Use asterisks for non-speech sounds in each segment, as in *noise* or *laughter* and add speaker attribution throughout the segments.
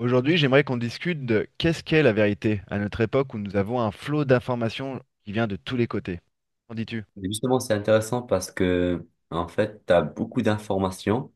Speaker 1: Aujourd'hui, j'aimerais qu'on discute de qu'est-ce qu'est la vérité à notre époque où nous avons un flot d'informations qui vient de tous les côtés. Qu'en dis-tu?
Speaker 2: Justement, c'est intéressant parce que, en fait, tu as beaucoup d'informations,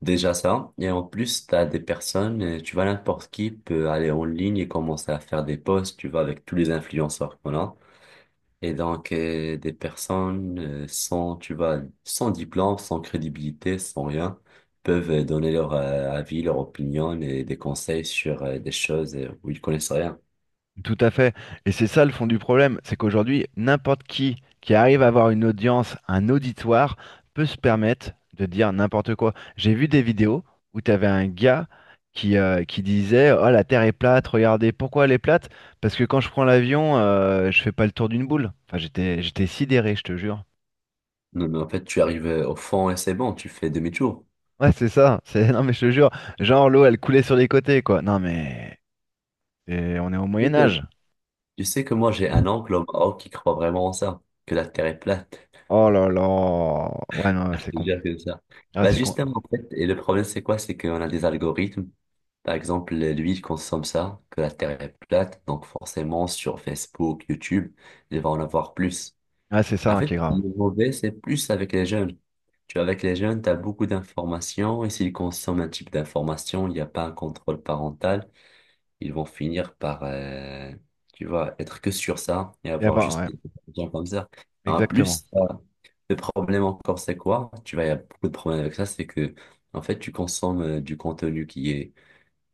Speaker 2: déjà ça, et en plus, tu as des personnes, tu vois, n'importe qui peut aller en ligne et commencer à faire des posts, tu vois, avec tous les influenceurs qu'on a. Et donc, des personnes sans, tu vois, sans diplôme, sans crédibilité, sans rien, peuvent donner leur avis, leur opinion et des conseils sur des choses où ils connaissent rien.
Speaker 1: Tout à fait. Et c'est ça le fond du problème, c'est qu'aujourd'hui, n'importe qui arrive à avoir une audience, un auditoire, peut se permettre de dire n'importe quoi. J'ai vu des vidéos où tu avais un gars qui disait: «Oh, la Terre est plate, regardez, pourquoi elle est plate? Parce que quand je prends l'avion, je fais pas le tour d'une boule.» Enfin, j'étais sidéré, je te jure.
Speaker 2: Non, mais en fait, tu arrives au fond et c'est bon, tu fais demi-tour.
Speaker 1: Ouais, c'est ça. Non, mais je te jure, genre l'eau, elle coulait sur les côtés, quoi. Non, mais et on est au Moyen
Speaker 2: Ok.
Speaker 1: Âge.
Speaker 2: Tu sais que moi, j'ai un oncle au Maroc qui croit vraiment en ça, que la Terre est plate.
Speaker 1: Oh là là. Ouais,
Speaker 2: *laughs*
Speaker 1: non,
Speaker 2: Je
Speaker 1: c'est
Speaker 2: te
Speaker 1: con.
Speaker 2: jure que ça.
Speaker 1: Ah,
Speaker 2: Bah,
Speaker 1: c'est con.
Speaker 2: justement, en fait, et le problème, c'est quoi? C'est qu'on a des algorithmes. Par exemple, lui, il consomme ça, que la Terre est plate. Donc, forcément, sur Facebook, YouTube, il va en avoir plus.
Speaker 1: Ah, c'est ça,
Speaker 2: En
Speaker 1: hein, qui
Speaker 2: fait,
Speaker 1: est grave.
Speaker 2: le mauvais, c'est plus avec les jeunes. Tu vois, avec les jeunes, tu as beaucoup d'informations et s'ils consomment un type d'information, il n'y a pas un contrôle parental. Ils vont finir par, tu vois, être que sur ça et
Speaker 1: Et
Speaker 2: avoir
Speaker 1: bah,
Speaker 2: juste
Speaker 1: ouais,
Speaker 2: des gens comme ça. En
Speaker 1: exactement.
Speaker 2: plus, le problème encore, c'est quoi? Tu vois, il y a beaucoup de problèmes avec ça, c'est que, en fait, tu consommes du contenu qui est,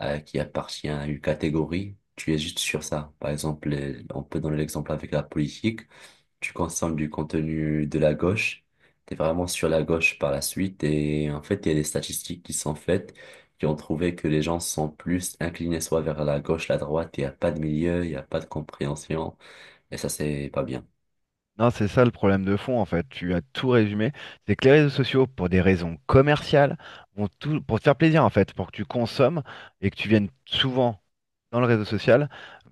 Speaker 2: qui appartient à une catégorie, tu es juste sur ça. Par exemple, on peut donner l'exemple avec la politique, tu consommes du contenu de la gauche, tu es vraiment sur la gauche par la suite. Et en fait, il y a des statistiques qui sont faites qui ont trouvé que les gens sont plus inclinés soit vers la gauche, la droite, il n'y a pas de milieu, il n'y a pas de compréhension. Et ça, c'est pas bien.
Speaker 1: Non, c'est ça le problème de fond, en fait. Tu as tout résumé. C'est que les réseaux sociaux, pour des raisons commerciales, vont tout... pour te faire plaisir, en fait, pour que tu consommes et que tu viennes souvent dans le réseau social,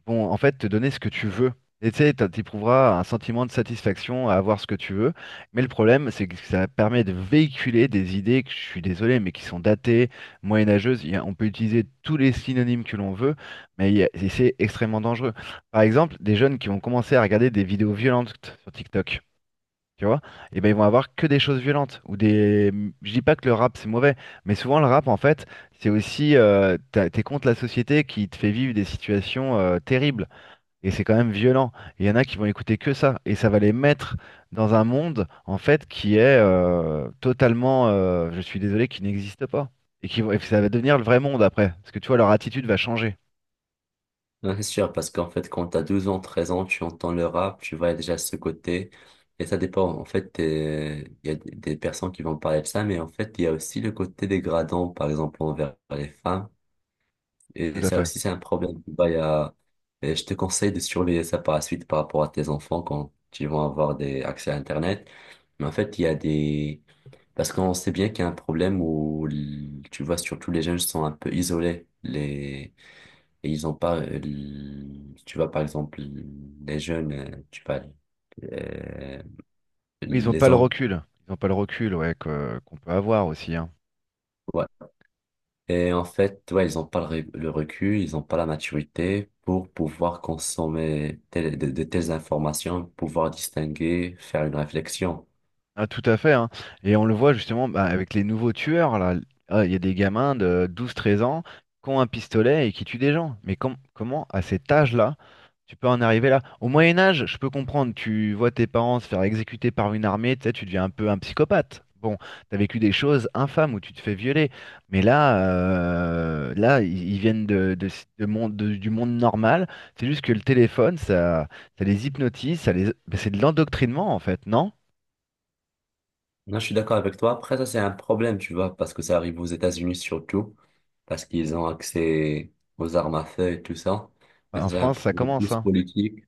Speaker 1: vont en fait te donner ce que tu veux. Et tu sais, t'éprouveras un sentiment de satisfaction à avoir ce que tu veux. Mais le problème, c'est que ça permet de véhiculer des idées que je suis désolé, mais qui sont datées, moyenâgeuses. On peut utiliser tous les synonymes que l'on veut, mais et c'est extrêmement dangereux. Par exemple, des jeunes qui vont commencer à regarder des vidéos violentes sur TikTok, tu vois, et ben ils vont avoir que des choses violentes ou des. Je dis pas que le rap c'est mauvais, mais souvent le rap en fait c'est aussi t'es contre la société qui te fait vivre des situations terribles et c'est quand même violent. Et il y en a qui vont écouter que ça et ça va les mettre dans un monde en fait qui est totalement, je suis désolé, qui n'existe pas et et ça va devenir le vrai monde après parce que tu vois leur attitude va changer,
Speaker 2: Non, c'est sûr, parce qu'en fait, quand t'as as 12 ans, 13 ans, tu entends le rap, tu vois déjà ce côté. Et ça dépend. En fait, il y a des personnes qui vont parler de ça, mais en fait, il y a aussi le côté dégradant, par exemple, envers les femmes.
Speaker 1: tout
Speaker 2: Et
Speaker 1: à
Speaker 2: ça
Speaker 1: fait.
Speaker 2: aussi, c'est un problème. Bah, il y et je te conseille de surveiller ça par la suite par rapport à tes enfants quand ils vont avoir des accès à Internet. Mais en fait, il y a des... Parce qu'on sait bien qu'il y a un problème où, tu vois, surtout les jeunes sont un peu isolés. Les... Et ils ont pas... Tu vois, par exemple, les jeunes, tu vois, euh,
Speaker 1: Oui, ils ont pas
Speaker 2: les
Speaker 1: le
Speaker 2: hommes.
Speaker 1: recul, ils ont pas le recul, ouais, qu'on peut avoir aussi, hein.
Speaker 2: Ouais, et en fait, ouais, ils n'ont pas le, le recul, ils n'ont pas la maturité pour pouvoir consommer de telles informations, pouvoir distinguer, faire une réflexion.
Speaker 1: Ah, tout à fait, hein. Et on le voit justement, bah, avec les nouveaux tueurs, là. Ah, il y a des gamins de 12 13 ans qui ont un pistolet et qui tuent des gens. Mais comment, à cet âge-là, tu peux en arriver là? Au Moyen Âge, je peux comprendre, tu vois tes parents se faire exécuter par une armée, tu sais, tu deviens un peu un psychopathe. Bon, t'as vécu des choses infâmes où tu te fais violer. Mais là, là, ils viennent de, de monde, du monde normal. C'est juste que le téléphone, ça les hypnotise, c'est de l'endoctrinement en fait, non?
Speaker 2: Non, je suis d'accord avec toi. Après, ça, c'est un problème, tu vois, parce que ça arrive aux États-Unis surtout, parce qu'ils ont accès aux armes à feu et tout ça. Mais
Speaker 1: Bah,
Speaker 2: ça,
Speaker 1: en
Speaker 2: c'est un
Speaker 1: France, ça
Speaker 2: problème
Speaker 1: commence,
Speaker 2: plus
Speaker 1: hein.
Speaker 2: politique.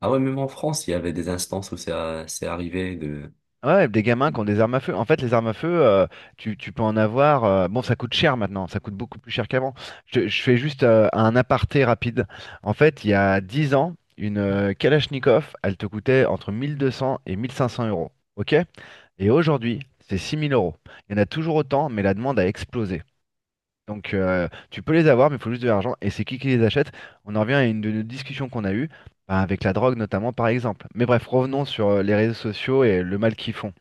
Speaker 2: Ah ouais, même en France, il y avait des instances où c'est arrivé de...
Speaker 1: Ouais, des gamins qui ont des armes à feu. En fait, les armes à feu, tu peux en avoir. Bon, ça coûte cher maintenant, ça coûte beaucoup plus cher qu'avant. Je fais juste un aparté rapide. En fait, il y a 10 ans, une Kalachnikov, elle te coûtait entre 1200 et 1500 euros. OK? Et aujourd'hui, c'est 6000 euros. Il y en a toujours autant, mais la demande a explosé. Donc tu peux les avoir, mais il faut juste de l'argent. Et c'est qui les achète? On en revient à une de nos discussions qu'on a eues, bah, avec la drogue notamment par exemple. Mais bref, revenons sur les réseaux sociaux et le mal qu'ils font.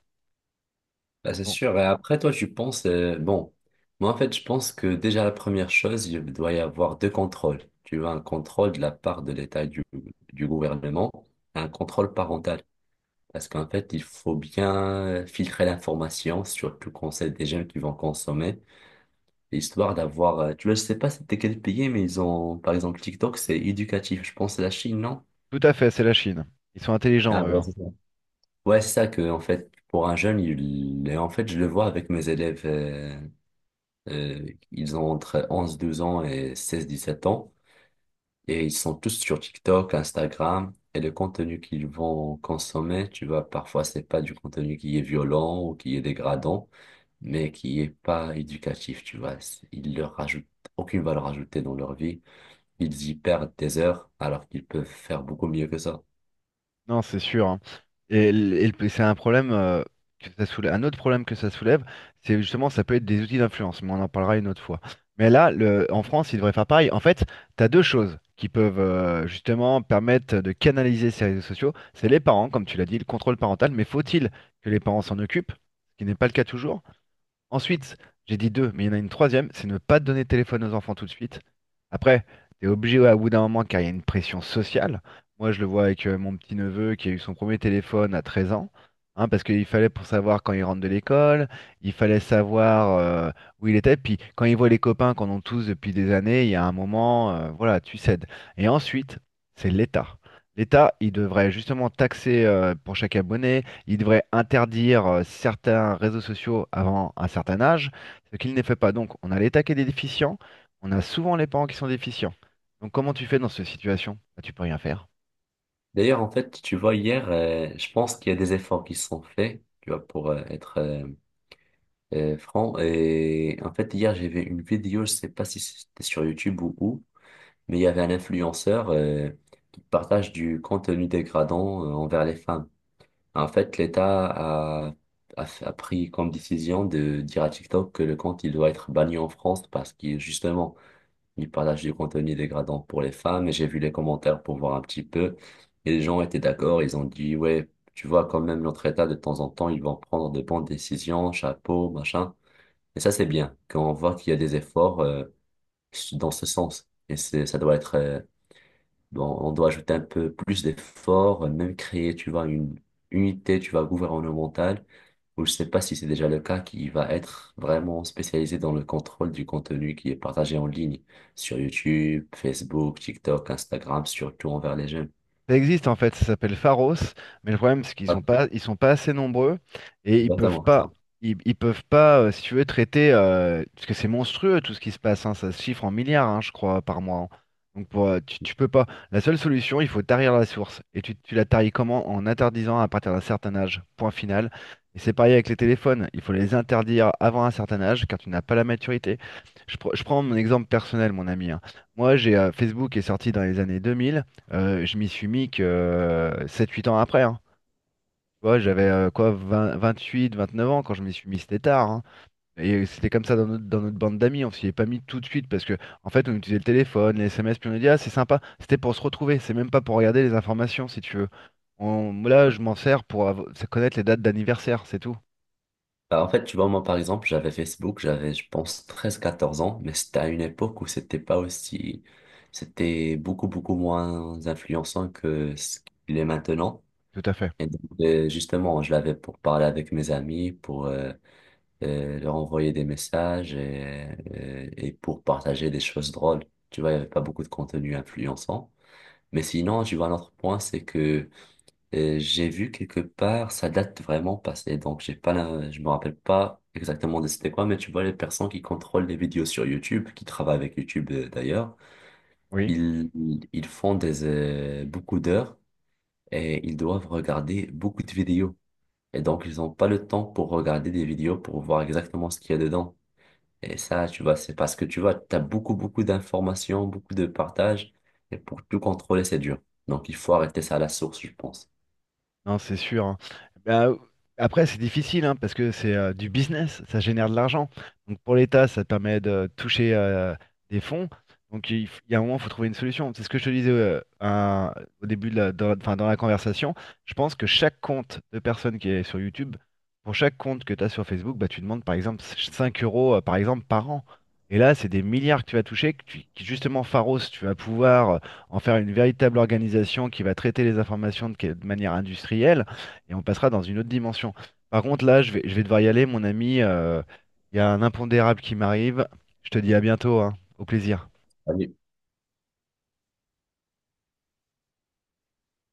Speaker 2: Bah, c'est
Speaker 1: Donc,
Speaker 2: sûr. Et après, toi, tu penses, bon, moi, en fait, je pense que déjà, la première chose, il doit y avoir deux contrôles. Tu vois, un contrôle de la part de l'État du gouvernement, et un contrôle parental. Parce qu'en fait, il faut bien filtrer l'information, surtout quand c'est des jeunes qui vont consommer, histoire d'avoir, tu vois, je sais pas c'était quel pays, mais ils ont, par exemple, TikTok, c'est éducatif. Je pense que c'est la Chine, non?
Speaker 1: tout à fait, c'est la Chine. Ils sont
Speaker 2: Ah,
Speaker 1: intelligents, eux,
Speaker 2: ouais,
Speaker 1: hein.
Speaker 2: c'est ça. Ouais, c'est ça que, en fait, pour un jeune, il, et en fait, je le vois avec mes élèves. Euh, Ils ont entre 11, 12 ans et 16, 17 ans. Et ils sont tous sur TikTok, Instagram. Et le contenu qu'ils vont consommer, tu vois, parfois, c'est pas du contenu qui est violent ou qui est dégradant, mais qui est pas éducatif, tu vois. Ils leur rajoutent aucune valeur ajoutée dans leur vie. Ils y perdent des heures alors qu'ils peuvent faire beaucoup mieux que ça.
Speaker 1: Non, c'est sûr, hein. Et, c'est un problème que ça soulève. Un autre problème que ça soulève, c'est justement, ça peut être des outils d'influence, mais on en parlera une autre fois. Mais là, en France, il devrait faire pareil. En fait, tu as deux choses qui peuvent justement permettre de canaliser ces réseaux sociaux. C'est les parents, comme tu l'as dit, le contrôle parental. Mais faut-il que les parents s'en occupent? Ce qui n'est pas le cas toujours. Ensuite, j'ai dit deux, mais il y en a une troisième, c'est ne pas donner de téléphone aux enfants tout de suite. Après, t'es obligé, ouais, au bout d'un moment car il y a une pression sociale. Moi, je le vois avec mon petit-neveu qui a eu son premier téléphone à 13 ans, hein, parce qu'il fallait pour savoir quand il rentre de l'école, il fallait savoir où il était, puis quand il voit les copains qu'on a tous depuis des années, il y a un moment, voilà, tu cèdes. Et ensuite, c'est l'État. L'État, il devrait justement taxer pour chaque abonné, il devrait interdire certains réseaux sociaux avant un certain âge, ce qu'il n'est fait pas. Donc, on a les taquets est déficient, on a souvent les parents qui sont déficients. Donc, comment tu fais dans cette situation? Bah, tu peux rien faire.
Speaker 2: D'ailleurs, en fait, tu vois, hier, je pense qu'il y a des efforts qui sont faits, tu vois, pour être Franck, et en fait, hier, j'ai vu une vidéo, je sais pas si c'était sur YouTube ou où, mais il y avait un influenceur qui partage du contenu dégradant envers les femmes. En fait, l'État a pris comme décision de dire à TikTok que le compte, il doit être banni en France parce qu'il, justement, il partage du contenu dégradant pour les femmes. Et j'ai vu les commentaires pour voir un petit peu. Et les gens étaient d'accord, ils ont dit, ouais, tu vois, quand même, notre État, de temps en temps, ils vont prendre de bonnes décisions, chapeau, machin. Et ça, c'est bien, quand on voit qu'il y a des efforts dans ce sens. Et c'est, ça doit être, bon, on doit ajouter un peu plus d'efforts, même créer, tu vois, une unité, tu vois, gouvernementale, ou je sais pas si c'est déjà le cas, qui va être vraiment spécialisée dans le contrôle du contenu qui est partagé en ligne sur YouTube, Facebook, TikTok, Instagram, surtout envers les jeunes.
Speaker 1: Ça existe en fait, ça s'appelle Pharos, mais le problème c'est qu'ils
Speaker 2: Ah,
Speaker 1: sont pas, ils sont pas assez nombreux et
Speaker 2: exactement.
Speaker 1: ils peuvent pas, si tu veux, traiter, parce que c'est monstrueux tout ce qui se passe, hein, ça se chiffre en milliards, hein, je crois, par mois, hein. Donc pour, tu peux pas. La seule solution, il faut tarir la source. Et tu la taries comment? En interdisant à partir d'un certain âge, point final. Et c'est pareil avec les téléphones, il faut les interdire avant un certain âge car tu n'as pas la maturité. Je prends mon exemple personnel, mon ami, hein. Moi, j'ai Facebook est sorti dans les années 2000. Je m'y suis mis que, 7-8 ans après, hein. Tu vois, j'avais, quoi, 8 29 ans quand je m'y suis mis, c'était tard, hein, et c'était comme ça dans notre bande d'amis, on s'y est pas mis tout de suite parce que en fait, on utilisait le téléphone, les SMS, puis on a dit: «Ah, c'est sympa». C'était pour se retrouver, c'est même pas pour regarder les informations, si tu veux. On là, je m'en sers pour av connaître les dates d'anniversaire, c'est tout.
Speaker 2: Bah, en fait, tu vois, moi, par exemple, j'avais Facebook, j'avais, je pense, 13 14 ans, mais c'était à une époque où c'était pas aussi, c'était beaucoup, beaucoup moins influençant que ce qu'il est maintenant.
Speaker 1: Tout à fait.
Speaker 2: Et donc, justement, je l'avais pour parler avec mes amis, pour leur envoyer des messages et pour partager des choses drôles. Tu vois, il y avait pas beaucoup de contenu influençant. Mais sinon, tu vois, un autre point, c'est que et j'ai vu quelque part, ça date vraiment passée, donc j'ai pas la- je me rappelle pas exactement de c'était quoi, mais tu vois les personnes qui contrôlent les vidéos sur YouTube, qui travaillent avec YouTube d'ailleurs,
Speaker 1: Oui.
Speaker 2: ils, ils font des, beaucoup d'heures et ils doivent regarder beaucoup de vidéos. Et donc ils n'ont pas le temps pour regarder des vidéos pour voir exactement ce qu'il y a dedans. Et ça, tu vois, c'est parce que tu vois, tu as beaucoup, beaucoup d'informations, beaucoup de partages, et pour tout contrôler, c'est dur. Donc il faut arrêter ça à la source, je pense.
Speaker 1: Non, c'est sûr, hein. Bah, après, c'est difficile, hein, parce que c'est du business, ça génère de l'argent. Donc pour l'État, ça te permet de toucher des fonds. Donc il y a un moment, il faut trouver une solution. C'est ce que je te disais au début de la, dans, enfin, dans la conversation. Je pense que chaque compte de personne qui est sur YouTube, pour chaque compte que tu as sur Facebook, bah, tu demandes par exemple 5 € par exemple, par an. Et là, c'est des milliards que tu vas toucher, qui justement, Pharos, tu vas pouvoir en faire une véritable organisation qui va traiter les informations de, de manière industrielle, et on passera dans une autre dimension. Par contre, là, je vais devoir y aller, mon ami. Il y a un impondérable qui m'arrive. Je te dis à bientôt, hein. Au plaisir.